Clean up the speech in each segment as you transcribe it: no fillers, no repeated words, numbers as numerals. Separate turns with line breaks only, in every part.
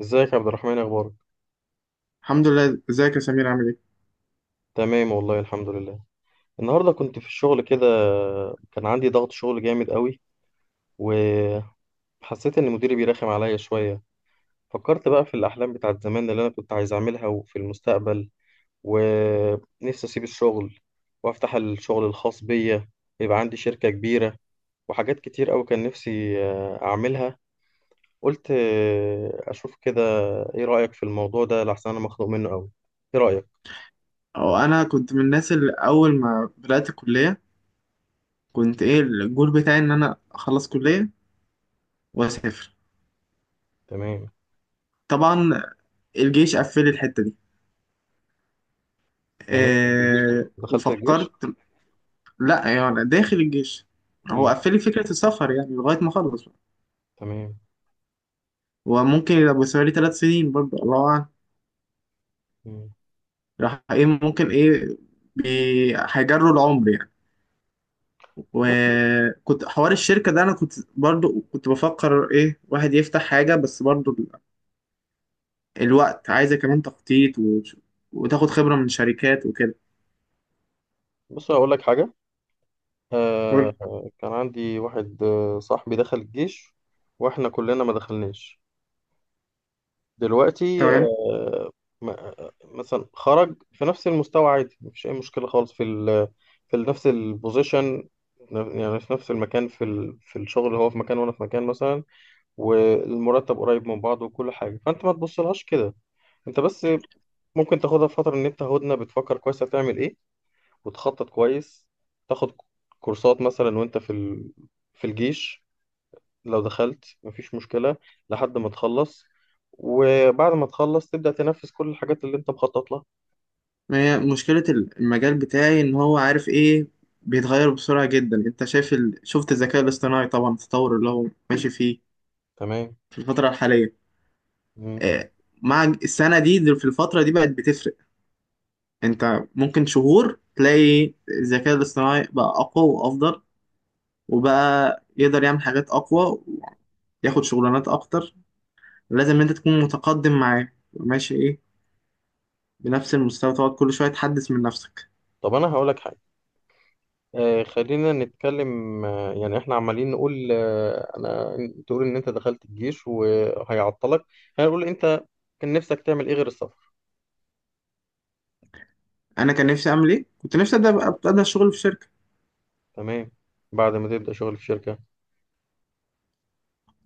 ازيك يا عبد الرحمن، اخبارك؟
الحمد لله، ازيك يا سمير عامل ايه؟
تمام والله، الحمد لله. النهارده كنت في الشغل كده، كان عندي ضغط شغل جامد قوي، وحسيت ان مديري بيرخم عليا شويه. فكرت بقى في الاحلام بتاعت زمان اللي انا كنت عايز اعملها وفي المستقبل، ونفسي اسيب الشغل وافتح الشغل الخاص بيا، يبقى عندي شركه كبيره وحاجات كتير قوي كان نفسي اعملها. قلت اشوف كده. ايه رايك في الموضوع ده؟ لحسن انا مخنوق منه قوي. ايه رايك؟
أو انا كنت من الناس اللي اول ما بدأت الكلية كنت ايه الجول بتاعي ان انا اخلص كلية واسافر.
تمام.
طبعا الجيش قفل لي الحتة دي.
يعني انت
أه
دخلت الجيش؟
وفكرت لا يعني داخل الجيش. هو
مم.
قفل لي فكرة السفر يعني لغاية ما اخلص بقى.
تمام.
وممكن يبقى بالنسبه لي 3 سنين برضه الله اعلم.
مم.
راح ايه ممكن ايه هيجروا العمر يعني.
بص،
وكنت حوار الشركة ده، أنا كنت برضو بفكر إيه، واحد يفتح حاجة، بس برضو الوقت عايزة كمان تخطيط وتاخد خبرة من شركات وكده.
هقول لك حاجة.
قول.
آه. كان عندي واحد، صاحبي دخل الجيش، واحنا كلنا ما دخلناش. دلوقتي
تمام.
آه. م- مثلا خرج في نفس المستوى، عادي مفيش أي مشكلة خالص في نفس البوزيشن. يعني في نفس المكان، في الشغل، اللي هو في مكان وانا في مكان مثلا، والمرتب قريب من بعض وكل حاجة، فانت ما تبصلهاش كده. انت بس ممكن تاخدها في فترة ان انت هدنة بتفكر كويس هتعمل ايه وتخطط كويس، تاخد كورسات مثلا وانت في الجيش. لو دخلت مفيش مشكلة لحد ما تخلص، وبعد ما تخلص تبدأ تنفذ كل الحاجات اللي انت مخطط لها.
ما هي مشكلة المجال بتاعي إن هو عارف إيه، بيتغير بسرعة جدا. أنت شايف شفت الذكاء الاصطناعي طبعا التطور اللي هو ماشي فيه
تمام.
في الفترة الحالية.
مم.
آه، مع السنة دي في الفترة دي بقت بتفرق. أنت ممكن شهور تلاقي الذكاء الاصطناعي بقى أقوى وأفضل، وبقى يقدر يعمل حاجات أقوى وياخد شغلانات أكتر. لازم أنت تكون متقدم معاه ماشي إيه بنفس المستوى، تقعد كل شويه تحدث من نفسك.
طب انا هقولك حاجة، خلينا نتكلم. يعني احنا عمالين نقول انا... تقول ان انت دخلت الجيش وهيعطلك، هنقول انت كان نفسك تعمل ايه غير السفر؟
انا كان نفسي اعمل ايه؟ كنت نفسي ابدا شغل في شركه.
تمام. بعد ما تبدأ شغل في شركة.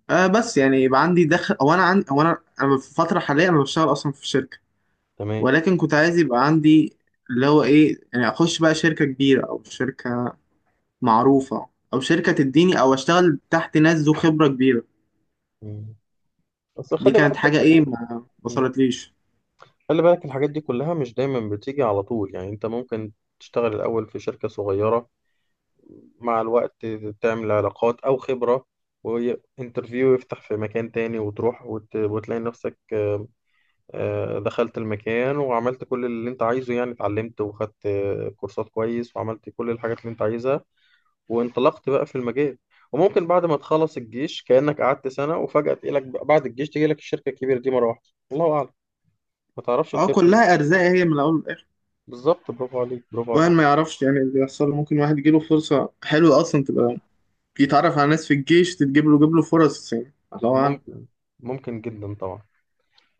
آه بس يعني يبقى عندي دخل، او انا في فتره حاليه انا بشتغل اصلا في شركه،
تمام.
ولكن كنت عايز يبقى عندي اللي هو ايه يعني، اخش بقى شركه كبيره او شركه معروفه، او شركه تديني او اشتغل تحت ناس ذو خبره كبيره.
مم. بس
دي
خلي بالك
كانت
من
حاجه ايه
الحاجات،
ما وصلتليش.
خلي بالك الحاجات دي كلها مش دايما بتيجي على طول. يعني انت ممكن تشتغل الأول في شركة صغيرة، مع الوقت تعمل علاقات أو خبرة، وانترفيو يفتح في مكان تاني وتروح وتلاقي نفسك، دخلت المكان وعملت كل اللي انت عايزه، يعني اتعلمت وخدت كورسات كويس وعملت كل الحاجات اللي انت عايزها، وانطلقت بقى في المجال. وممكن بعد ما تخلص الجيش كأنك قعدت سنة، وفجأة تجيلك بعد الجيش تجيلك الشركة الكبيرة دي مرة واحدة، الله أعلم. ما تعرفش
اه
الخير.
كلها ارزاق هي من الاول للاخر.
بالظبط، برافو عليك، برافو
واحد
عليك.
ما يعرفش يعني اللي يحصل له. ممكن واحد يجيله فرصه حلوه اصلا، تبقى يتعرف على ناس في الجيش تتجيب له، جيب له فرص يعني الله أعلم.
ممكن، ممكن جدا طبعا،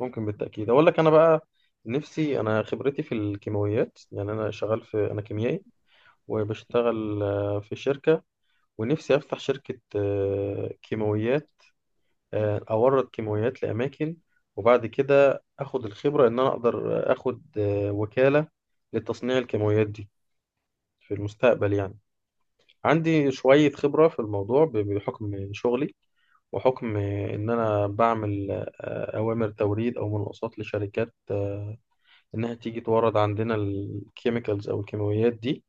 ممكن بالتأكيد. أقول لك أنا بقى، نفسي أنا، خبرتي في الكيماويات، يعني أنا شغال أنا كيميائي، وبشتغل في شركة. ونفسي أفتح شركة كيماويات، أورد كيماويات لأماكن، وبعد كده أخد الخبرة إن أنا أقدر أخد وكالة لتصنيع الكيماويات دي في المستقبل يعني. عندي شوية خبرة في الموضوع بحكم شغلي، وحكم إن أنا بعمل أوامر توريد أو مناقصات لشركات إنها تيجي تورد عندنا الكيميكالز أو الكيماويات دي.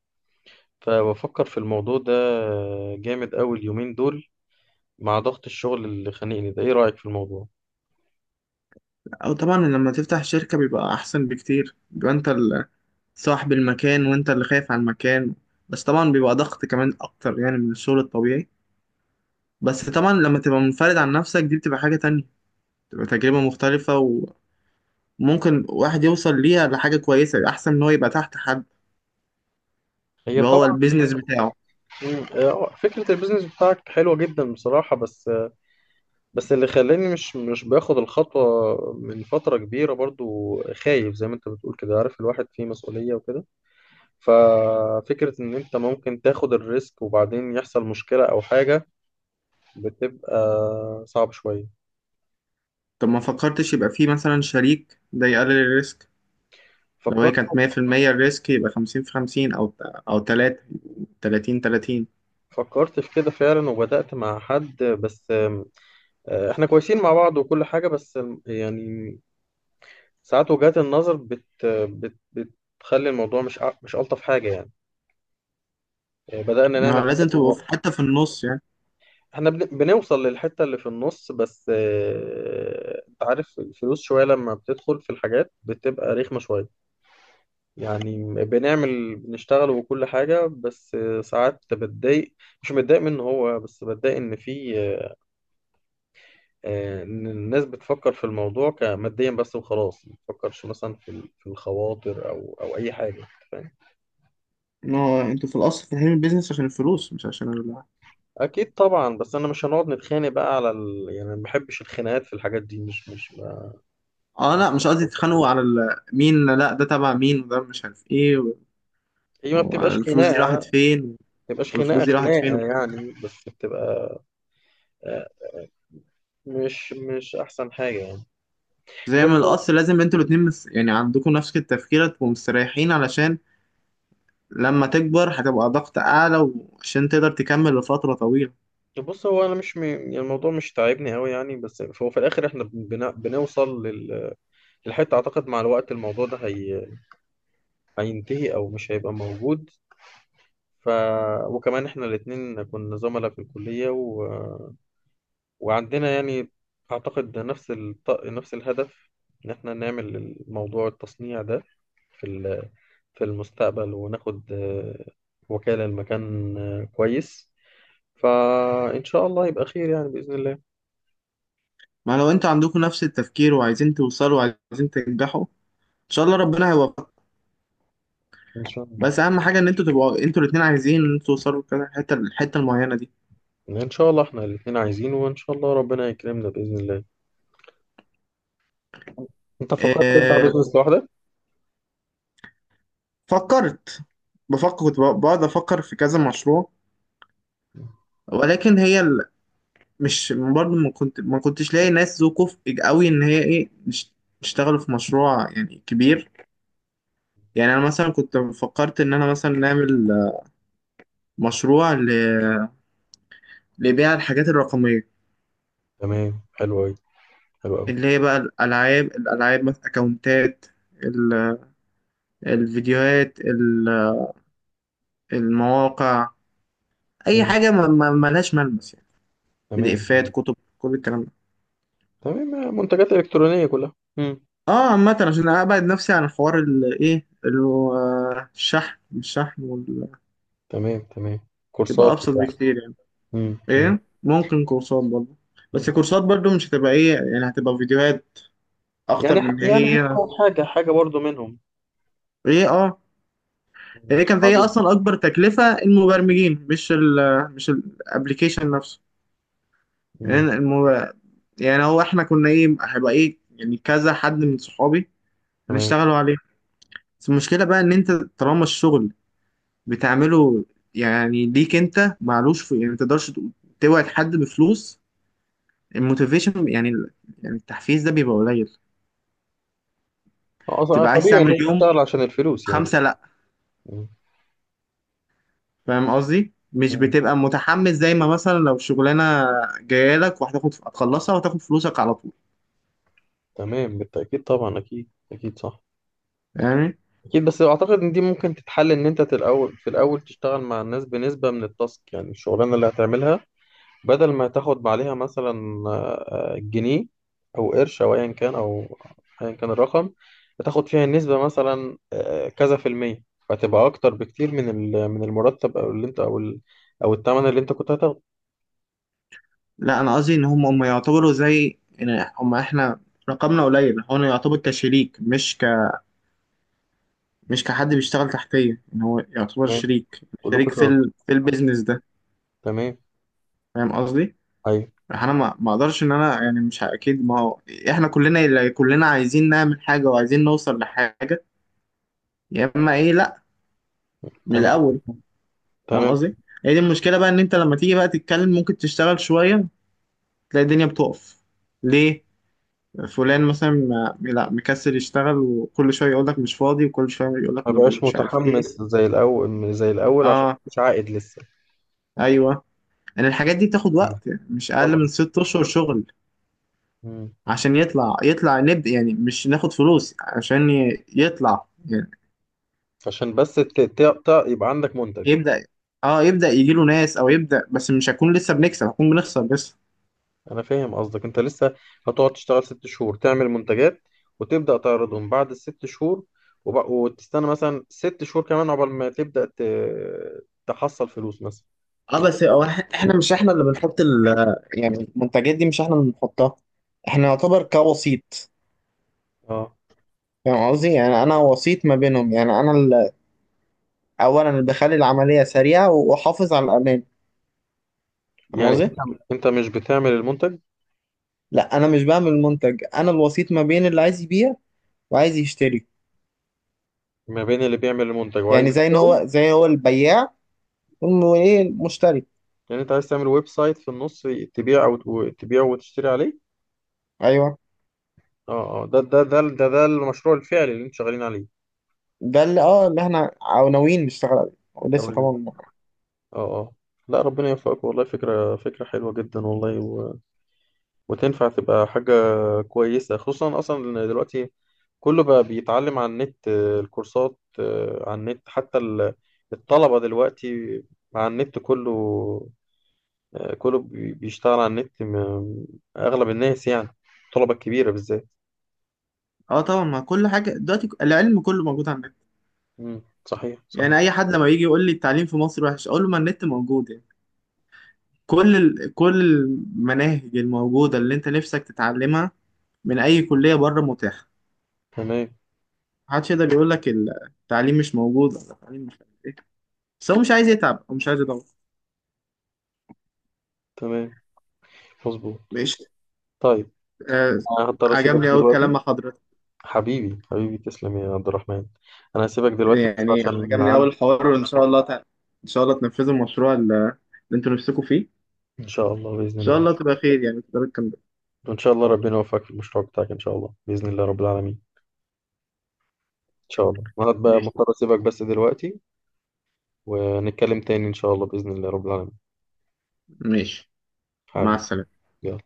فبفكر في الموضوع ده جامد أوي اليومين دول، مع ضغط الشغل اللي خانقني ده. إيه رأيك في الموضوع؟
أو طبعا لما تفتح شركة بيبقى أحسن بكتير، بيبقى أنت صاحب المكان وأنت اللي خايف على المكان. بس طبعا بيبقى ضغط كمان أكتر يعني من الشغل الطبيعي. بس طبعا لما تبقى منفرد عن نفسك دي بتبقى حاجة تانية، بتبقى تجربة مختلفة. وممكن واحد يوصل ليها لحاجة كويسة أحسن من هو يبقى تحت حد،
هي
يبقى هو
طبعا...
البيزنس بتاعه.
فكرة البيزنس بتاعك حلوة جدا بصراحة، بس بس اللي خلاني مش مش باخد الخطوة من فترة كبيرة، برضو خايف زي ما انت بتقول كده، عارف الواحد فيه مسؤولية وكده. ففكرة ان انت ممكن تاخد الريسك وبعدين يحصل مشكلة او حاجة، بتبقى صعب شوية.
طب ما فكرتش يبقى فيه مثلا شريك، ده يقلل الريسك؟ لو هي
فكرت
كانت 100% الريسك يبقى 50 في 50، أو أو 30 30.
فكرت في كده فعلا، وبدأت مع حد بس احنا كويسين مع بعض وكل حاجة، بس يعني ساعات وجهات النظر بت بت بتخلي الموضوع مش مش ألطف حاجة يعني. بدأنا
ما
نعمل
هو لازم
حاجات.
تبقوا حتى في النص يعني.
احنا بنوصل للحتة اللي في النص، بس انت عارف الفلوس شوية لما بتدخل في الحاجات بتبقى رخمة شوية. يعني بنشتغل وكل حاجة، بس ساعات بتضايق. مش متضايق منه هو، بس بتضايق ان في ان الناس بتفكر في الموضوع كماديا بس وخلاص، ما بتفكرش مثلا في الخواطر او اي حاجة. فاهم؟
ما هو انتوا في الاصل فاهمين البيزنس عشان الفلوس مش عشان
اكيد طبعا. بس انا مش هنقعد نتخانق بقى على يعني أنا ما بحبش الخناقات في الحاجات دي، مش مش ما-
اه لا مش قصدي تتخانقوا على مين لا، ده تبع مين وده مش عارف ايه
هي ما بتبقاش
والفلوس دي راحت
خناقة،
فين،
تبقاش خناقة
والكلام ده.
يعني، بس بتبقى آه، مش أحسن حاجة يعني.
زي
بس
ما الاصل لازم انتوا الاتنين يعني عندكم نفس التفكير تبقوا مستريحين، علشان لما تكبر هتبقى ضغط اعلى، وعشان تقدر تكمل لفترة طويلة.
بص، هو أنا مش يعني الموضوع مش تعبني أوي يعني. بس هو في الآخر إحنا بنوصل للحتة. أعتقد مع الوقت الموضوع ده هينتهي أو مش هيبقى موجود ف... وكمان إحنا الاتنين كنا زملاء في الكلية وعندنا يعني، أعتقد نفس نفس الهدف، إن إحنا نعمل الموضوع التصنيع ده في ال- في المستقبل، وناخد وكالة لمكان كويس. فإن شاء الله يبقى خير يعني بإذن الله.
ما لو انتوا عندكم نفس التفكير وعايزين توصلوا وعايزين تنجحوا ان شاء الله ربنا هيوفقكم.
إن شاء الله.
بس اهم حاجه ان انتوا تبقوا انتوا الاتنين عايزين ان انتوا توصلوا كده الحته المعينه دي.
إن شاء الله إحنا الاتنين عايزين، وإن شاء الله ربنا يكرمنا بإذن الله. أنت فكرت تفتح
آه،
بيزنس لوحدك؟
فكرت. بفكر، كنت بقعد افكر في كذا مشروع. ولكن هي مش برضه ما كنتش لاقي ناس ذو كفء قوي ان هي ايه يشتغلوا في مشروع يعني كبير. يعني انا مثلا كنت فكرت ان انا مثلا نعمل مشروع لبيع الحاجات الرقميه،
تمام، حلو أوي، حلو أوي.
اللي هي بقى الالعاب، مثلا اكونتات، ال- الفيديوهات، المواقع، اي
مم.
حاجه ملهاش ملمس يعني. بي دي افات،
تمام
كتب، كل الكلام ده.
تمام، منتجات إلكترونية كلها. مم.
اه عامه، عشان ابعد نفسي عن حوار الايه، الشحن
تمام تمام، كورسات
تبقى ابسط
بتاع...
بكتير يعني.
مم. مم.
ايه ممكن كورسات برضه. بس
مم.
الكورسات برضه مش هتبقى ايه يعني، هتبقى فيديوهات اكتر
يعني
من
يعني
هي،
هو حاجة حاجة برضو منهم.
ايه اه.
مم.
هي كانت هي
عظيم.
اصلا اكبر تكلفه المبرمجين، مش الابلكيشن نفسه. يعني
مم.
المب... يعني هو احنا كنا ايه، هيبقى ايه يعني كذا حد من صحابي
تمام.
هنشتغلوا عليه. بس المشكلة بقى إن أنت طالما الشغل بتعمله يعني ليك أنت، معلوش في يعني، متقدرش توعد حد بفلوس. الموتيفيشن يعني، يعني التحفيز، ده بيبقى قليل.
أصلا
بتبقى عايز
طبيعي إن
تعمل
أنت
يوم
تشتغل عشان الفلوس يعني.
خمسة لأ.
مم.
فاهم قصدي؟ مش
مم.
بتبقى متحمس زي ما مثلا لو شغلانة جاية لك وهتاخد، هتخلصها وهتاخد فلوسك على طول.
تمام بالتأكيد طبعا، أكيد أكيد صح.
فاهمني؟
أكيد. بس أعتقد إن دي ممكن تتحل، إن أنت في الأول تشتغل مع الناس بنسبة من التاسك، يعني الشغلانة اللي هتعملها، بدل ما تاخد عليها مثلا جنيه أو قرش أو أيا كان الرقم. بتاخد فيها النسبة مثلا كذا في المية، فتبقى أكتر بكتير من المرتب، أو اللي أنت أو الثمن اللي أنت كنت هتاخده.
لأ أنا قصدي إن هم يعتبروا زي إن هم إحنا رقمنا قليل، هو يعتبر كشريك مش مش كحد بيشتغل تحتيه، ان هو يعتبر
تمام.
شريك،
كلكم
في
شركاء.
في البيزنس ده.
تمام.
فاهم قصدي.
أيوه.
انا ما اقدرش ان انا يعني مش اكيد. ما هو احنا كلنا، اللي كلنا عايزين نعمل حاجه وعايزين نوصل لحاجه، يا اما ايه لا، من
تمام
الاول. فاهم
تمام.
قصدي. هي دي المشكله بقى، ان انت لما تيجي بقى تتكلم ممكن تشتغل شويه تلاقي الدنيا بتقف. ليه؟ فلان مثلا لا مكسل يشتغل، وكل شويه يقول لك مش فاضي، وكل شويه يقول لك
ما بقاش
مش عارف ايه.
متحمس زي الأول زي الأول، عشان
اه
مش عائد لسه.
ايوه. يعني الحاجات دي بتاخد
مم.
وقت يعني مش اقل من
طبعا.
6 اشهر شغل.
مم.
عشان يطلع نبدأ يعني مش ناخد فلوس عشان يطلع يعني
عشان بس يبقى عندك منتج.
يبدأ. اه يبدأ يجيله ناس او يبدأ، بس مش هكون لسه بنكسب، هكون بنخسر بس.
أنا فاهم قصدك. أنت لسه هتقعد تشتغل ست شهور تعمل منتجات، وتبدأ تعرضهم بعد الست شهور، وتستنى مثلا ست شهور كمان عقبال ما تبدأ تحصل فلوس مثلا.
اه بس هو احنا مش احنا اللي بنحط ال، يعني المنتجات دي مش احنا اللي بنحطها، احنا
مم.
نعتبر كوسيط.
اه.
فاهم قصدي، يعني انا وسيط ما بينهم، يعني انا اولا اللي بخلي العملية سريعة واحافظ على الامان. فاهم
يعني
قصدي.
انت مش بتعمل المنتج.
لا انا مش بعمل منتج، انا الوسيط ما بين اللي عايز يبيع وعايز يشتري.
ما بين اللي بيعمل المنتج وعايز
يعني زي ان هو
يبيعه.
زي هو البياع وايه المشتري.
يعني انت عايز تعمل ويب سايت في النص، تبيع وتشتري عليه.
ايوه.
اه اه، ده المشروع الفعلي اللي انتوا شغالين عليه.
ده اللي اه اللي احنا او ناويين نشتغل عليه،
او
ولسه
اللي
طبعا.
اه اه. لا، ربنا يوفقك والله. فكرة حلوة جدا والله وتنفع تبقى حاجة كويسة، خصوصا أصلا إن دلوقتي كله بقى بيتعلم على النت. الكورسات على النت، حتى الطلبة دلوقتي على النت كله. كله بيشتغل على النت، أغلب الناس يعني، الطلبة الكبيرة بالذات.
اه طبعا، ما كل حاجه دلوقتي العلم كله موجود على النت.
مم، صحيح صحيح.
يعني اي حد لما يجي يقول لي التعليم في مصر وحش اقول له ما النت موجود يعني. كل المناهج الموجوده اللي انت نفسك تتعلمها من اي كليه بره متاحه.
تمام
محدش يقدر يقول لك التعليم مش موجود ولا التعليم مش، بس هو مش عايز يتعب هو مش عايز يدور.
تمام، مظبوط.
ماشي.
طيب.
آه.
أنا هضطر أسيبك
عجبني قوي الكلام
دلوقتي.
مع حضرتك.
حبيبي حبيبي، تسلم يا عبد الرحمن. انا هسيبك دلوقتي بس
يعني
عشان
عجبني أول
عندي...
الحوار، وإن شاء الله إن شاء الله تنفذوا المشروع اللي أنتوا نفسكم فيه، إن
ان شاء الله باذن
شاء
الله.
الله تبقى خير يعني تقدروا تكملوا.
وان شاء الله ربنا يوفقك في المشروع بتاعك، ان شاء الله باذن الله رب العالمين. ان شاء الله. انا بقى
ماشي.
مضطر اسيبك بس دلوقتي، ونتكلم تاني ان شاء الله باذن الله رب العالمين.
ماشي، مع
حبيبي.
السلامة.
يلا،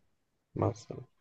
مع السلامه.